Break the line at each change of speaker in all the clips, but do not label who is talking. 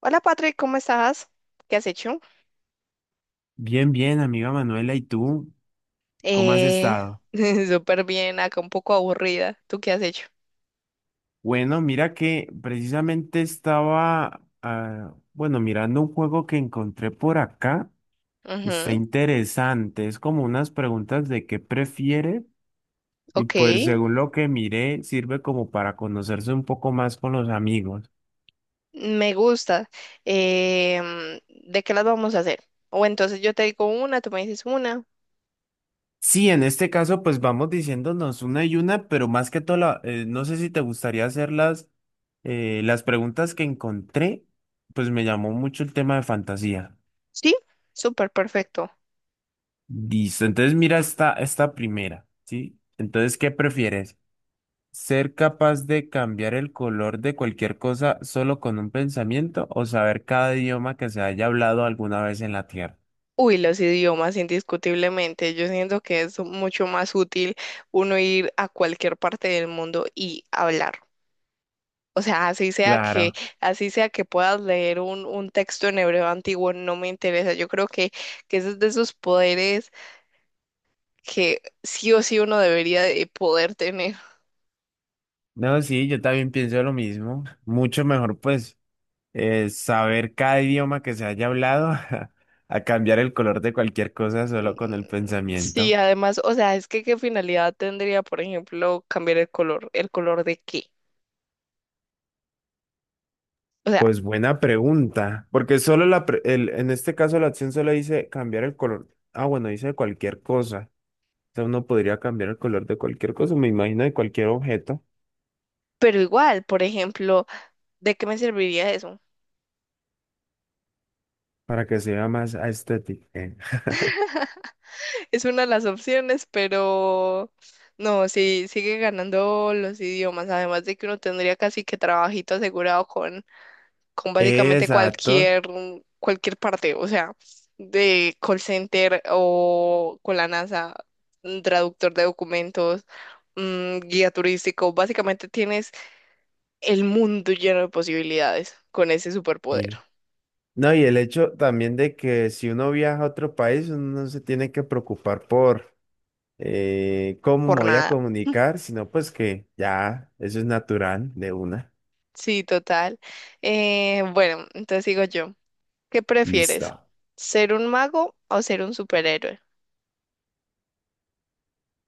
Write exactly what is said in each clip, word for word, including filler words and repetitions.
Hola Patrick, ¿cómo estás? ¿Qué has hecho?
Bien, bien, amiga Manuela, ¿y tú cómo has
Eh,
estado?
súper bien, acá un poco aburrida. ¿Tú qué has hecho?
Bueno, mira que precisamente estaba, ah, bueno, mirando un juego que encontré por acá. Está
Ujú,
interesante, es como unas preguntas de qué prefiere, y
ok,
pues según lo que miré, sirve como para conocerse un poco más con los amigos.
me gusta. Em, ¿de qué las vamos a hacer? O entonces yo te digo una, tú me dices una.
Sí, en este caso, pues vamos diciéndonos una y una, pero más que todo, la- eh, no sé si te gustaría hacer las, eh, las preguntas que encontré. Pues me llamó mucho el tema de fantasía.
Sí, súper perfecto.
Listo, entonces mira esta, esta primera, ¿sí? Entonces, ¿qué prefieres? ¿Ser capaz de cambiar el color de cualquier cosa solo con un pensamiento, o saber cada idioma que se haya hablado alguna vez en la Tierra?
Uy, los idiomas, indiscutiblemente. Yo siento que es mucho más útil uno ir a cualquier parte del mundo y hablar. O sea, así sea que,
Claro.
así sea que puedas leer un, un texto en hebreo antiguo, no me interesa. Yo creo que, que ese es de esos poderes que sí o sí uno debería de poder tener.
No, sí, yo también pienso lo mismo. Mucho mejor, pues, eh, saber cada idioma que se haya hablado a cambiar el color de cualquier cosa
Mm,
solo con el
sí,
pensamiento.
además, o sea, es que qué finalidad tendría, por ejemplo, cambiar el color, el color de qué. O sea,
Pues buena pregunta, porque solo la, pre- el- en este caso la acción solo dice cambiar el color. Ah, bueno, dice cualquier cosa. O sea, uno podría cambiar el color de cualquier cosa, me imagino, de cualquier objeto,
pero igual, por ejemplo, ¿de qué me serviría eso?
para que sea más estético. Eh,
Es una de las opciones, pero no, sí, sigue ganando los idiomas, además de que uno tendría casi que trabajito asegurado con con básicamente
Exacto,
cualquier, cualquier parte, o sea, de call center o con la NASA, un traductor de documentos, mm, guía turístico, básicamente tienes el mundo lleno de posibilidades con ese superpoder,
sí. No, y el hecho también de que si uno viaja a otro país, uno no se tiene que preocupar por eh, ¿cómo me
por
voy a
nada.
comunicar? Sino pues que ya, eso es natural de una.
Sí, total. Eh, bueno, entonces digo yo, ¿qué prefieres?
Listo.
¿Ser un mago o ser un superhéroe?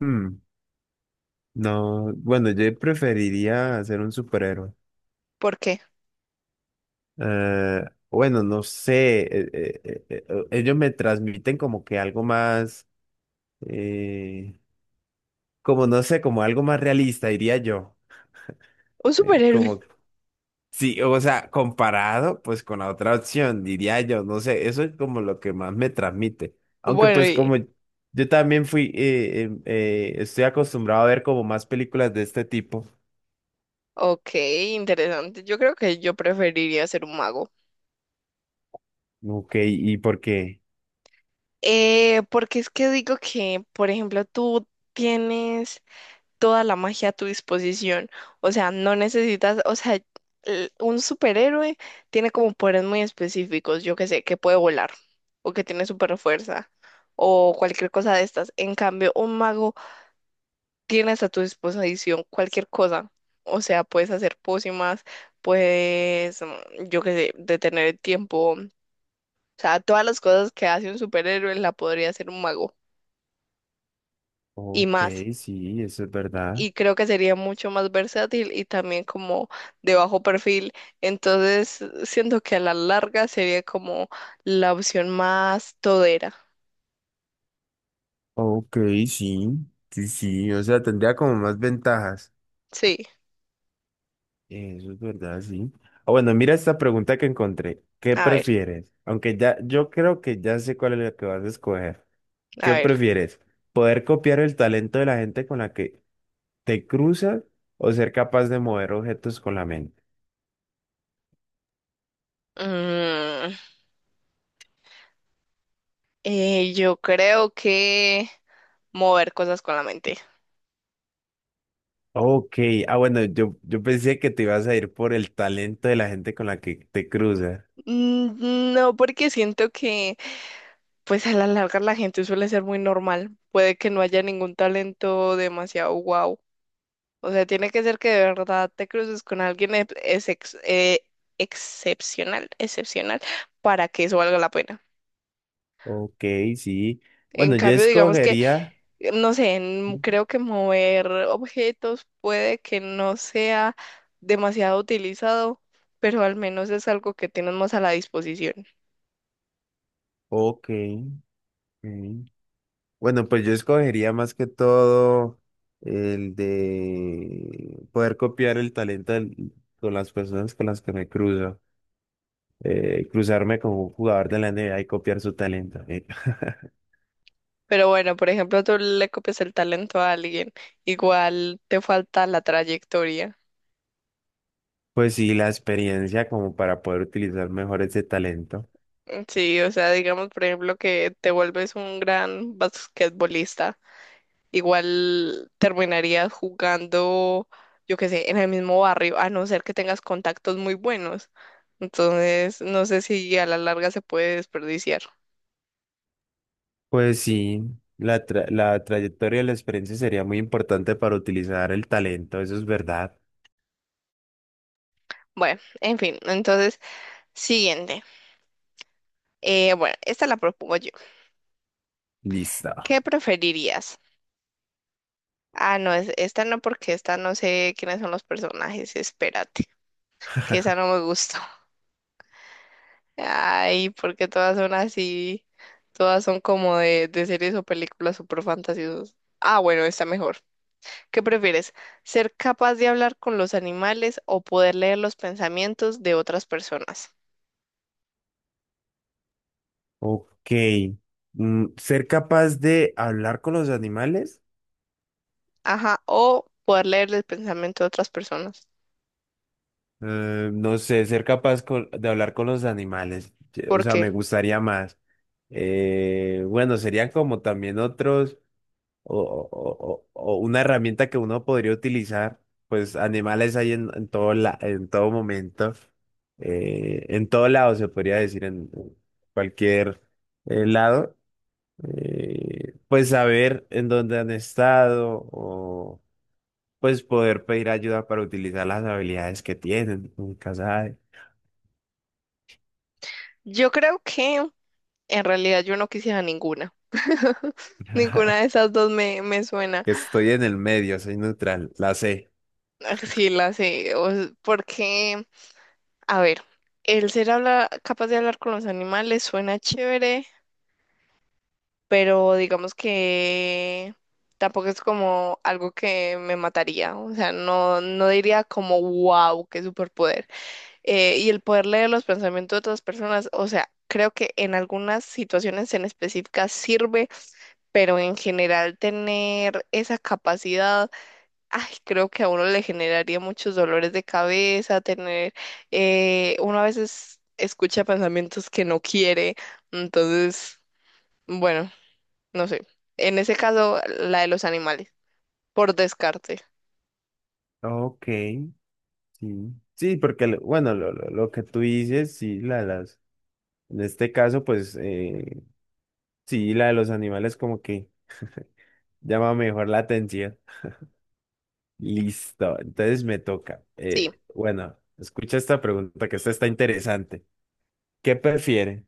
Hmm, No, bueno, yo preferiría ser un superhéroe.
¿Por qué?
Eh, bueno, no sé, eh, eh, eh, eh, eh, ellos me transmiten como que algo más, eh, como no sé, como algo más realista, diría yo.
Un
Eh,
superhéroe.
como Sí, o sea, comparado pues con la otra opción, diría yo, no sé, eso es como lo que más me transmite. Aunque
Bueno,
pues
y,
como yo también fui, eh, em, eh, estoy acostumbrado a ver como más películas de este tipo.
ok, interesante. Yo creo que yo preferiría ser un mago.
Ok, ¿y por qué?
Eh, porque es que digo que, por ejemplo, tú tienes toda la magia a tu disposición. O sea, no necesitas, o sea, l- un superhéroe tiene como poderes muy específicos, yo que sé, que puede volar, o que tiene super fuerza, o cualquier cosa de estas. En cambio, un mago tienes a tu disposición cualquier cosa. O sea, puedes hacer pócimas, puedes, mm, yo que sé, detener el tiempo. O sea, todas las cosas que hace un superhéroe la podría hacer un mago. Y
Ok,
más.
sí, eso es verdad.
Y creo que sería mucho más versátil y también como de bajo perfil. Entonces, siento que a la larga sería como la opción más todera.
Ok, sí, sí, sí, o sea, tendría como más ventajas.
Sí,
Eso es verdad, sí. Ah, bueno, mira esta pregunta que encontré. ¿Qué
a ver,
prefieres? Aunque ya, yo creo que ya sé cuál es la que vas a escoger.
a
¿Qué
ver.
prefieres? ¿Poder copiar el talento de la gente con la que te cruzas, o ser capaz de mover objetos con la mente?
Mm, eh, yo creo que mover cosas con la mente.
Ok, ah, bueno, yo, yo pensé que te ibas a ir por el talento de la gente con la que te cruzas.
Mm, no, porque siento que pues a la larga la gente suele ser muy normal. Puede que no haya ningún talento demasiado guau. O sea, tiene que ser que de verdad te cruces con alguien ex- es ex- eh, excepcional, excepcional, para que eso valga la pena.
Ok, sí.
En
Bueno, yo
cambio, digamos que,
escogería...
no sé, en- creo que mover objetos puede que no sea demasiado utilizado, pero al menos es algo que tienes más a la disposición.
Ok. Ok. Bueno, pues yo escogería más que todo el de poder copiar el talento del- con las personas con las que me cruzo. eh, cruzarme con un jugador de la N B A y copiar su talento. ¿Eh?
Pero bueno, por ejemplo, tú le copias el talento a alguien, igual te falta la trayectoria.
Pues sí, la experiencia como para poder utilizar mejor ese talento.
Sí, o sea, digamos, por ejemplo, que te vuelves un gran basquetbolista, igual terminarías jugando, yo qué sé, en el mismo barrio, a no ser que tengas contactos muy buenos. Entonces, no sé si a la larga se puede desperdiciar.
Pues sí, la, tra- la trayectoria de la experiencia sería muy importante para utilizar el talento, eso es verdad.
Bueno, en fin, entonces, siguiente. Eh, bueno, esta la propongo yo.
Listo.
¿Qué preferirías? Ah, no, es- esta no, porque esta no sé quiénes son los personajes. Espérate, que esa no me gustó. Ay, porque todas son así. Todas son como de, de, series o películas súper fantasiosas. Ah, bueno, está mejor. ¿Qué prefieres? ¿Ser capaz de hablar con los animales o poder leer los pensamientos de otras personas?
Ok. Mm, ser capaz de hablar con los animales.
Ajá, o poder leer el pensamiento de otras personas.
Eh, no sé, ser capaz con- de hablar con los animales. eh, O
¿Por
sea,
qué?
me gustaría más. Eh, bueno, serían como también otros, o, o- o- o una herramienta que uno podría utilizar. Pues animales hay en, en todo la, en todo momento, eh, en todo lado, se podría decir, en en cualquier eh, lado, eh, pues saber en dónde han estado, o pues poder pedir ayuda para utilizar las habilidades que tienen. Nunca sabe.
Yo creo que en realidad yo no quisiera ninguna. Ninguna de esas dos me, me suena.
Que estoy en el medio, soy neutral, la sé.
Sí, la sé, o porque, a ver, el ser habla, capaz de hablar con los animales suena chévere, pero digamos que tampoco es como algo que me mataría, o sea, no, no diría como, wow, qué superpoder. Eh, y el poder leer los pensamientos de otras personas, o sea, creo que en algunas situaciones en específicas sirve, pero en general tener esa capacidad. Ay, creo que a uno le generaría muchos dolores de cabeza, tener, eh, uno a veces escucha pensamientos que no quiere, entonces, bueno, no sé. En ese caso, la de los animales, por descarte,
Ok, sí. Sí, porque, lo- bueno, lo, lo, lo que tú dices, sí, la, las, en este caso, pues eh, sí, la de los animales como que llama mejor la atención. Listo, entonces me toca.
sí,
Eh, bueno, escucha esta pregunta, que esta está interesante. ¿Qué prefiere?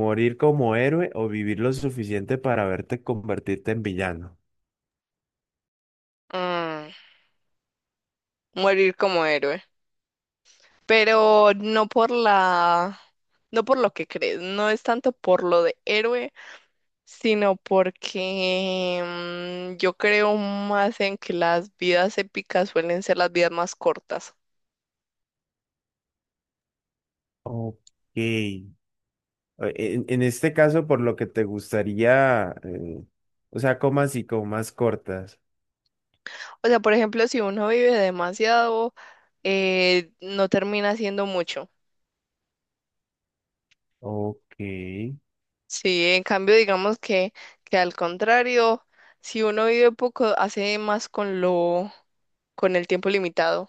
¿Morir como héroe o vivir lo suficiente para verte convertirte en villano?
mm, morir como héroe, pero no por la, no por lo que crees, no es tanto por lo de héroe, sino porque mm, yo creo más en que las vidas épicas suelen ser las vidas más cortas.
Ok. Eh, En, en este caso, por lo que te gustaría, eh, o sea, comas y comas cortas.
O sea, por ejemplo, si uno vive demasiado, eh, no termina haciendo mucho.
Ok.
Sí, en cambio, digamos que, que al contrario, si uno vive poco, hace más con lo, con el tiempo limitado.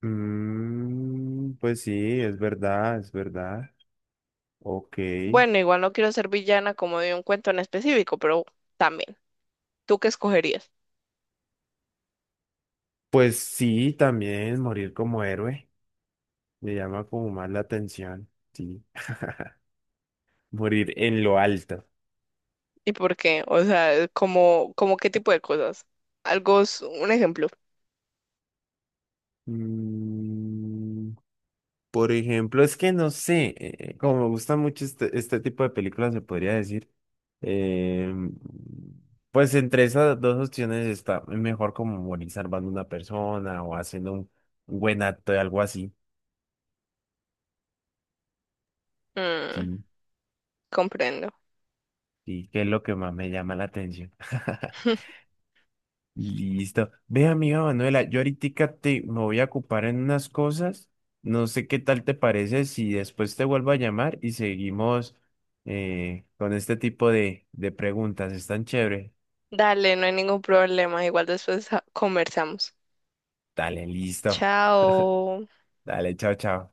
Mm, pues sí, es verdad, es verdad. Ok.
Bueno, igual no quiero ser villana como de un cuento en específico, pero también, ¿tú qué escogerías?
Pues sí, también morir como héroe me llama como más la atención. Sí. Morir en lo alto.
¿Y por qué? O sea, como, como qué tipo de cosas. Algo, s- un ejemplo.
Mm, por ejemplo, es que no sé, eh, eh, como me gusta mucho este, este tipo de películas, se podría decir. eh, pues entre esas dos opciones, está es mejor como morir salvando una persona o haciendo un buen acto, de algo así.
Mm,
Sí,
comprendo.
sí, que es lo que más me llama la atención. Listo. Ve, amiga Manuela, yo ahorita te me voy a ocupar en unas cosas. No sé qué tal te parece si después te vuelvo a llamar y seguimos eh, con este tipo de, de preguntas. Están chévere.
Dale, no hay ningún problema, igual después ah, conversamos.
Dale, listo.
Chao.
Dale, chao, chao.